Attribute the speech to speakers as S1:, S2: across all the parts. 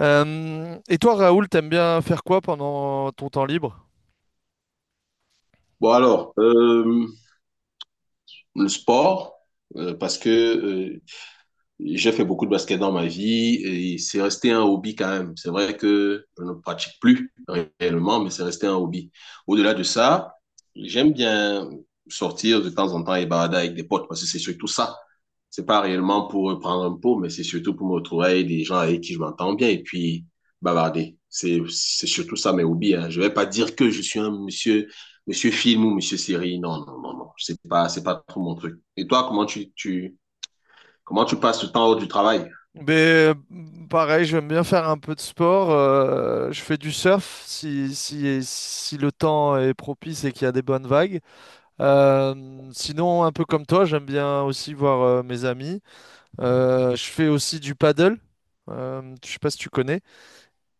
S1: Et toi, Raoul, t'aimes bien faire quoi pendant ton temps libre?
S2: Bon alors, le sport, parce que j'ai fait beaucoup de basket dans ma vie et c'est resté un hobby quand même. C'est vrai que je ne pratique plus réellement, mais c'est resté un hobby. Au-delà de ça, j'aime bien sortir de temps en temps et balader avec des potes parce que c'est surtout ça. C'est pas réellement pour prendre un pot, mais c'est surtout pour me retrouver avec des gens avec qui je m'entends bien et puis bavarder. C'est surtout ça mes hobbies. Hein. Je vais pas dire que je suis un monsieur film ou monsieur série. Non, non, non, non. C'est pas trop mon truc. Et toi, comment tu passes le temps hors du travail?
S1: Ben, euh, pareil, j'aime bien faire un peu de sport. Je fais du surf si le temps est propice et qu'il y a des bonnes vagues. Sinon, un peu comme toi, j'aime bien aussi voir mes amis. Je fais aussi du paddle. Je sais pas si tu connais.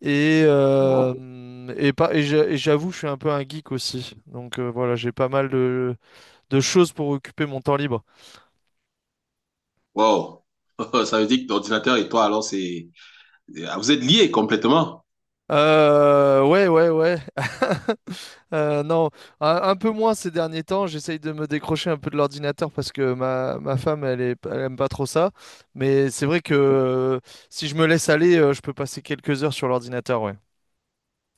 S2: Non.
S1: Et, pas, et j'a- et j'avoue, je suis un peu un geek aussi. Voilà, j'ai pas mal de choses pour occuper mon temps libre.
S2: Wow. Ça veut dire que l'ordinateur et toi, alors, c'est... Ah, vous êtes liés complètement.
S1: Ouais, ouais, ouais. Non, un peu moins ces derniers temps. J'essaye de me décrocher un peu de l'ordinateur parce que ma femme, elle aime pas trop ça. Mais c'est vrai que si je me laisse aller, je peux passer quelques heures sur l'ordinateur, ouais.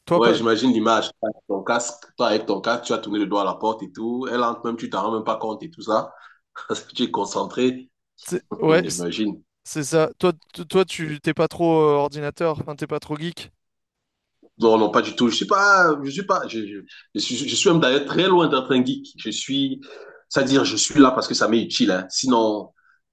S1: Toi,
S2: Ouais,
S1: pas,
S2: j'imagine l'image. Ton casque, toi avec ton casque, tu as tourné le doigt à la porte et tout. Elle entre même, tu t'en rends même pas compte et tout ça. Tu es concentré.
S1: ouais,
S2: J'imagine.
S1: c'est ça. Toi, toi, tu t'es pas trop ordinateur, enfin, t'es pas trop geek.
S2: Non, non, pas du tout. Je suis pas, je suis pas, je, Je suis même d'ailleurs très loin d'être un geek. C'est-à-dire, je suis là parce que ça m'est utile. Hein. Sinon,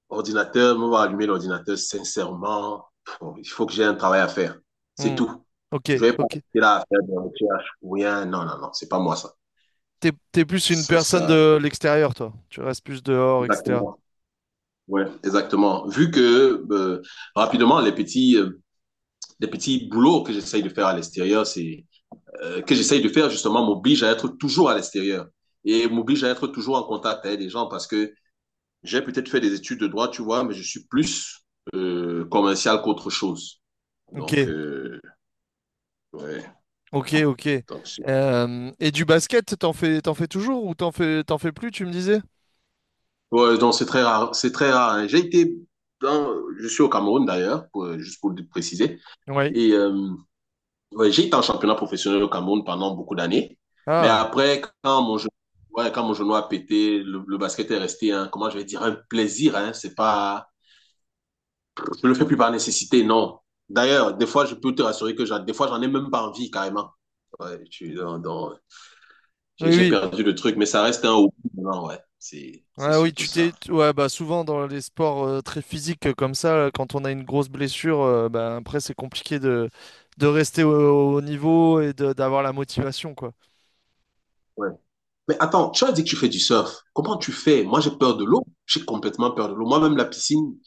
S2: ordinateur, me va allumer l'ordinateur, sincèrement, il faut que j'ai un travail à faire. C'est
S1: Hmm.
S2: tout.
S1: Ok,
S2: Je vais pas
S1: ok.
S2: rester là à faire des recherches ou rien. Non, non, non, c'est pas moi ça.
S1: T'es, t'es plus une
S2: Ça,
S1: personne
S2: ça,
S1: de l'extérieur, toi. Tu restes plus dehors, etc.
S2: exactement. Ouais, exactement. Vu que rapidement, les petits boulots que j'essaye de faire à l'extérieur, c'est que j'essaye de faire justement m'oblige à être toujours à l'extérieur et m'oblige à être toujours en contact avec les gens parce que j'ai peut-être fait des études de droit, tu vois, mais je suis plus commercial qu'autre chose.
S1: Ok,
S2: Donc, ouais,
S1: ok, ok.
S2: donc
S1: Et du basket, t'en fais toujours ou t'en fais plus, tu me disais?
S2: donc c'est très rare. C'est très rare. Hein. Dans, je suis au Cameroun d'ailleurs, juste pour le préciser.
S1: Oui.
S2: Et ouais, j'ai été en championnat professionnel au Cameroun pendant beaucoup d'années. Mais
S1: Ah,
S2: après, ouais, quand mon genou a pété, le basket est resté, comment je vais dire, un plaisir. Hein, c'est pas Je ne le fais plus par nécessité, non. D'ailleurs, des fois, je peux te rassurer que des fois, j'en ai même pas envie, carrément. Ouais, je suis dans- dans-
S1: oui,
S2: j'ai
S1: oui.
S2: perdu le truc, mais ça reste un hobby. Non, ouais, c'est
S1: Ouais, oui,
S2: surtout ça.
S1: ouais, bah souvent dans les sports très physiques comme ça, quand on a une grosse blessure, bah, après c'est compliqué de rester au niveau et d'avoir la motivation quoi.
S2: Ouais. Mais attends, tu as dit que tu fais du surf. Comment tu fais? Moi, j'ai peur de l'eau. J'ai complètement peur de l'eau. Moi-même, la piscine,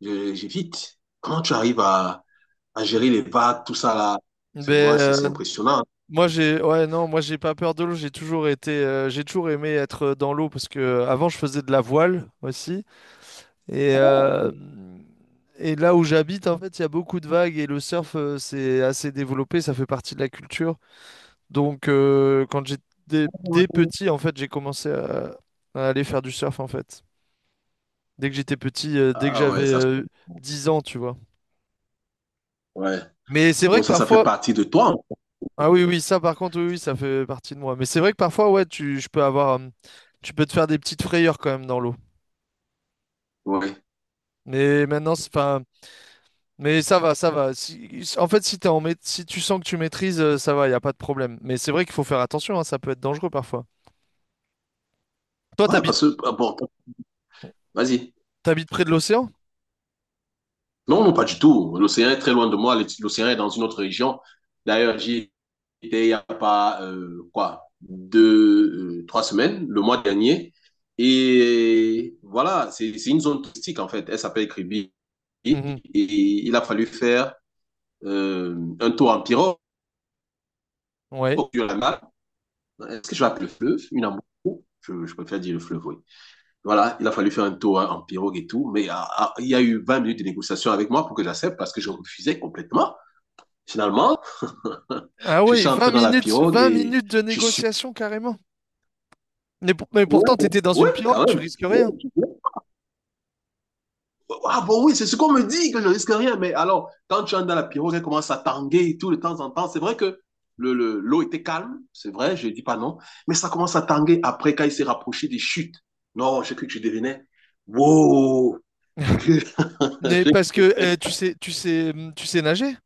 S2: j'évite. Comment tu arrives à gérer les vagues, tout ça là? C'est moi,
S1: Ben
S2: c'est
S1: euh,
S2: impressionnant.
S1: Moi j'ai ouais non, moi j'ai pas peur de l'eau, j'ai toujours été j'ai toujours aimé être dans l'eau parce que avant je faisais de la voile aussi et
S2: Oh,
S1: euh, et là où j'habite en fait, il y a beaucoup de vagues et le surf c'est assez développé, ça fait partie de la culture. Quand j'étais dès
S2: ouais.
S1: petit, en fait, à aller faire du surf, en fait. Dès que j'étais petit, dès que
S2: Ah,
S1: j'avais
S2: ouais, ça se...
S1: 10 ans, tu vois.
S2: Ouais.
S1: Mais c'est vrai
S2: Donc
S1: que
S2: ça fait
S1: parfois...
S2: partie de toi.
S1: Ah oui, oui, ça, par contre, oui, oui, ça fait partie de moi. Mais c'est vrai que parfois, ouais, je peux avoir... tu peux te faire des petites frayeurs quand même dans l'eau.
S2: Ouais.
S1: Mais maintenant, enfin, mais ça va, ça va. Si, en fait, si si tu sens que tu maîtrises, ça va, il n'y a pas de problème. Mais c'est vrai qu'il faut faire attention, hein, ça peut être dangereux parfois. Toi,
S2: Ouais,
S1: t'habites,
S2: parce que, ah, bon, vas-y.
S1: t'habites près de l'océan?
S2: Non, non, pas du tout. L'océan est très loin de moi. L'océan est dans une autre région. D'ailleurs, j'y étais il n'y a pas, quoi, deux, 3 semaines, le mois dernier. Et voilà, c'est une zone touristique, en fait. Elle s'appelle Kribi. Et
S1: Mhm.
S2: il a fallu faire euh, un tour en pirogue
S1: Ouais.
S2: sur la mer. Est-ce que je l'appelle le fleuve? Une embouchure? Je préfère dire le fleuve, oui. Voilà, il a fallu faire un tour hein, en pirogue et tout. Mais ah, ah, il y a eu 20 minutes de négociation avec moi pour que j'accepte parce que je refusais complètement. Finalement,
S1: Ah
S2: je
S1: ouais,
S2: suis
S1: Vingt
S2: entré dans la
S1: minutes,
S2: pirogue
S1: vingt
S2: et
S1: minutes de
S2: je suis...
S1: négociation carrément. Mais, mais
S2: Oui,
S1: pourtant, t'étais dans
S2: ouais,
S1: une pirogue,
S2: quand
S1: tu
S2: même.
S1: risques
S2: Ouais,
S1: rien.
S2: ouais. Ah bon, oui, c'est ce qu'on me dit, que je risque rien. Mais alors, quand tu entres dans la pirogue, elle commence à tanguer tout de temps en temps. C'est vrai que l'eau l'eau était calme, c'est vrai, je ne dis pas non. Mais ça commence à tanguer après, quand il s'est rapproché des chutes. Non, j'ai cru que je devenais... Wow! J'ai cru...
S1: Mais parce que tu sais nager?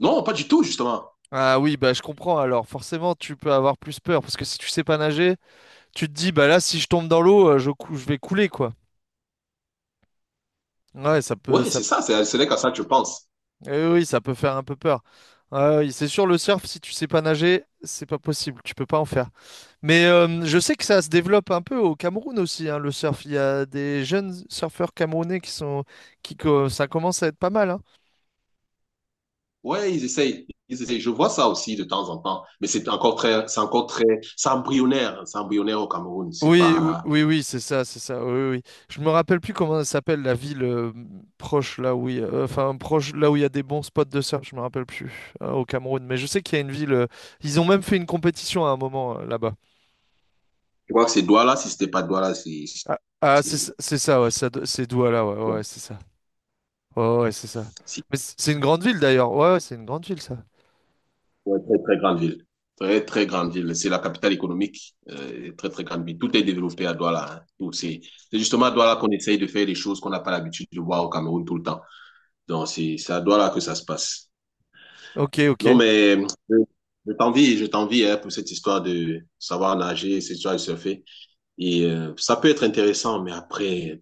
S2: Non, pas du tout, justement.
S1: Ah oui, bah je comprends. Alors forcément, tu peux avoir plus peur parce que si tu sais pas nager, tu te dis bah là, si je tombe dans l'eau, je vais couler quoi. Ouais, ça peut,
S2: Oui,
S1: ça
S2: c'est ça, c'est à ça que je pense.
S1: eh oui, ça peut faire un peu peur. Ah oui, c'est sûr, le surf, si tu sais pas nager, c'est pas possible, tu peux pas en faire. Mais je sais que ça se développe un peu au Cameroun aussi, hein, le surf. Il y a des jeunes surfeurs camerounais qui, ça commence à être pas mal, hein.
S2: Ouais, ils essayent. Ils essayent. Je vois ça aussi de temps en temps, mais c'est embryonnaire, hein. C'est embryonnaire au Cameroun. C'est
S1: Oui,
S2: pas,
S1: oui, oui, c'est ça, c'est ça. Oui, oui. Je me rappelle plus comment elle s'appelle la ville proche là où, il y a- enfin proche là où il y a des bons spots de surf. Je me rappelle plus au Cameroun, mais je sais qu'il y a une ville. Ils ont même fait une compétition à un moment là-bas.
S2: Je crois que c'est Douala. Si c'était pas Douala,
S1: Ah, ah,
S2: c'est,
S1: c'est ça, ouais, c'est Douala, ouais, ouais, ouais,
S2: bon,
S1: c'est ça. Ouais, ouais, c'est ça.
S2: c'est
S1: Mais c'est une grande ville d'ailleurs. Ouais, ouais, c'est une grande ville ça.
S2: une très, très grande ville. Très, très grande ville. C'est la capitale économique. Très, très grande ville. Tout est développé à Douala. Hein. C'est justement à Douala qu'on essaye de faire des choses qu'on n'a pas l'habitude de voir au Cameroun tout le temps. Donc, c'est à Douala que ça se passe.
S1: Ok,
S2: Non,
S1: ok.
S2: mais, euh, je t'envie, hein, pour cette histoire de savoir nager, cette histoire de surfer. Et ça peut être intéressant, mais après,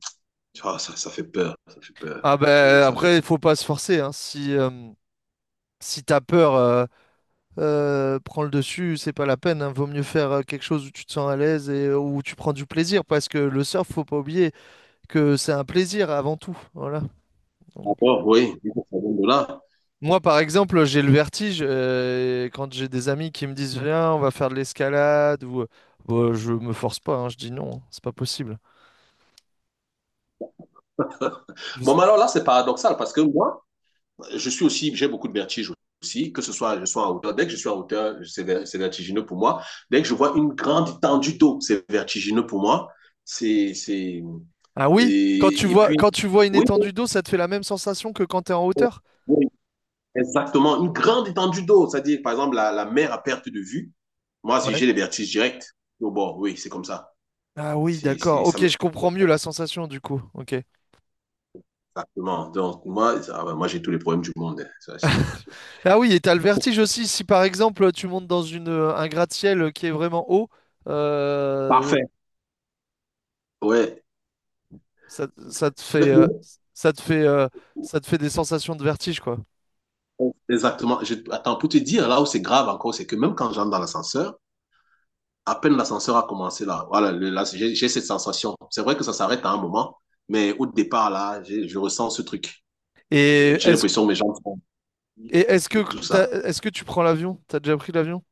S2: ah, ça fait peur. Ça fait peur.
S1: Ah
S2: Et
S1: ben
S2: ça fait...
S1: après, il faut pas se forcer, hein. Si si t'as peur, prends le dessus, c'est pas la peine, hein. Vaut mieux faire quelque chose où tu te sens à l'aise et où tu prends du plaisir, parce que le surf, faut pas oublier que c'est un plaisir avant tout. Voilà. Donc, euh,
S2: D'accord, oui, oui, ça vient de là.
S1: Moi, par exemple, j'ai le vertige quand j'ai des amis qui me disent viens, on va faire de l'escalade ou bah, je me force pas, hein, je dis non, c'est pas possible. Je-
S2: Bon, mais alors là, c'est paradoxal parce que moi, je suis aussi, j'ai beaucoup de vertige aussi, que ce soit, je sois en hauteur. Dès que je suis en hauteur, c'est vertigineux pour moi. Dès que je vois une grande étendue d'eau, c'est vertigineux pour moi. C'est, c'est,
S1: Ah oui,
S2: et, et puis,
S1: quand tu vois une
S2: oui,
S1: étendue d'eau, ça te fait la même sensation que quand t'es en hauteur?
S2: oui, exactement, une grande étendue d'eau, c'est-à-dire, par exemple, la mer à perte de vue. Moi, si
S1: Ouais.
S2: j'ai les vertiges directs, au bord, oui, c'est comme ça.
S1: Ah oui,
S2: C'est, c'est,
S1: d'accord.
S2: ça
S1: Ok,
S2: me fait
S1: je comprends mieux la sensation du coup. Ok.
S2: exactement. Donc, moi, ah ouais, moi j'ai tous les problèmes du monde. Hein. Ça, c'est...
S1: Ah oui, et t'as le vertige aussi. Si par exemple tu montes dans une un gratte-ciel qui est vraiment haut, euh,
S2: Parfait. Ouais.
S1: ça te
S2: De-
S1: fait
S2: de-
S1: ça te fait ça te fait des sensations de vertige quoi.
S2: Exactement. Attends, pour te dire, là où c'est grave encore, c'est que même quand j'entre dans l'ascenseur, à peine l'ascenseur a commencé là, voilà, là, j'ai cette sensation. C'est vrai que ça s'arrête à un moment, mais au départ, là, je ressens ce truc.
S1: Et
S2: J'ai
S1: est-ce
S2: l'impression que mes jambes sont
S1: Et est-ce que
S2: et tout ça.
S1: est-ce que tu prends l'avion? T'as déjà pris l'avion?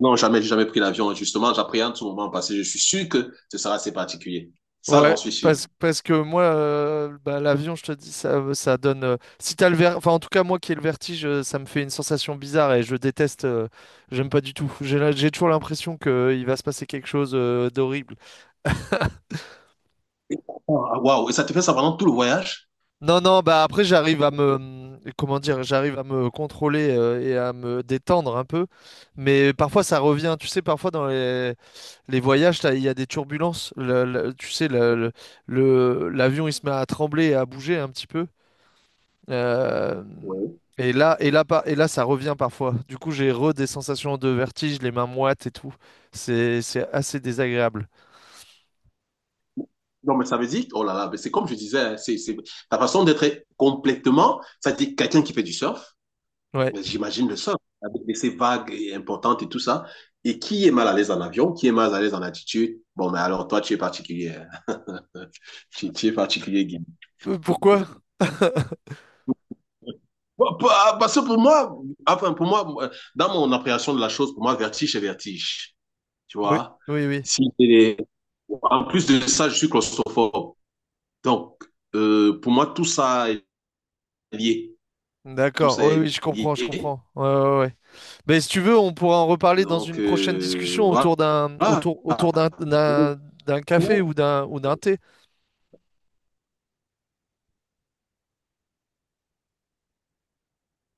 S2: Non, jamais, j'ai jamais pris l'avion. Justement, j'appréhende ce moment parce que je suis sûr que ce sera assez particulier. Ça, j'en
S1: Ouais,
S2: suis sûr.
S1: parce que moi, bah, l'avion, je te dis, ça donne. Si t'as le enfin, en tout cas, moi qui ai le vertige, ça me fait une sensation bizarre et je déteste. J'aime pas du tout. J'ai toujours l'impression qu'il va se passer quelque chose d'horrible.
S2: Ah, waouh! Et ça te fait ça pendant tout le voyage?
S1: Non, non, bah après j'arrive à me, comment dire, j'arrive à me contrôler et à me détendre un peu. Mais parfois ça revient, tu sais, parfois dans les voyages, il y a des turbulences. Tu sais, l'avion il se met à trembler et à bouger un petit peu. Euh,
S2: Oui.
S1: et là, et là, et là, ça revient parfois. Du coup, j'ai re des sensations de vertige, les mains moites et tout. C'est assez désagréable.
S2: Non, mais ça veut dire, oh là là, mais c'est comme je disais, hein, ta façon d'être est complètement, ça dit quelqu'un qui fait du surf,
S1: Ouais.
S2: mais j'imagine le surf, avec ces vagues et importantes et tout ça, et qui est mal à l'aise en avion, qui est mal à l'aise en altitude, bon, mais alors toi, tu es particulier, hein. Tu es particulier, Guy.
S1: Pourquoi
S2: Bon, parce que pour moi, enfin, pour moi, moi, dans mon appréhension de la chose, pour moi, vertige, c'est vertige, tu
S1: Oui,
S2: vois.
S1: oui, oui.
S2: Si c'est des- En plus de ça, je suis claustrophobe. Donc, pour moi, tout ça est lié. Tout
S1: D'accord,
S2: ça
S1: oui, oui,
S2: est
S1: je comprends, je
S2: lié.
S1: comprends. Ouais, ouais, ouais. Mais si tu veux, on pourra en reparler dans
S2: Donc,
S1: une prochaine discussion
S2: voilà.
S1: autour, autour d'un d'un café ou d'un thé.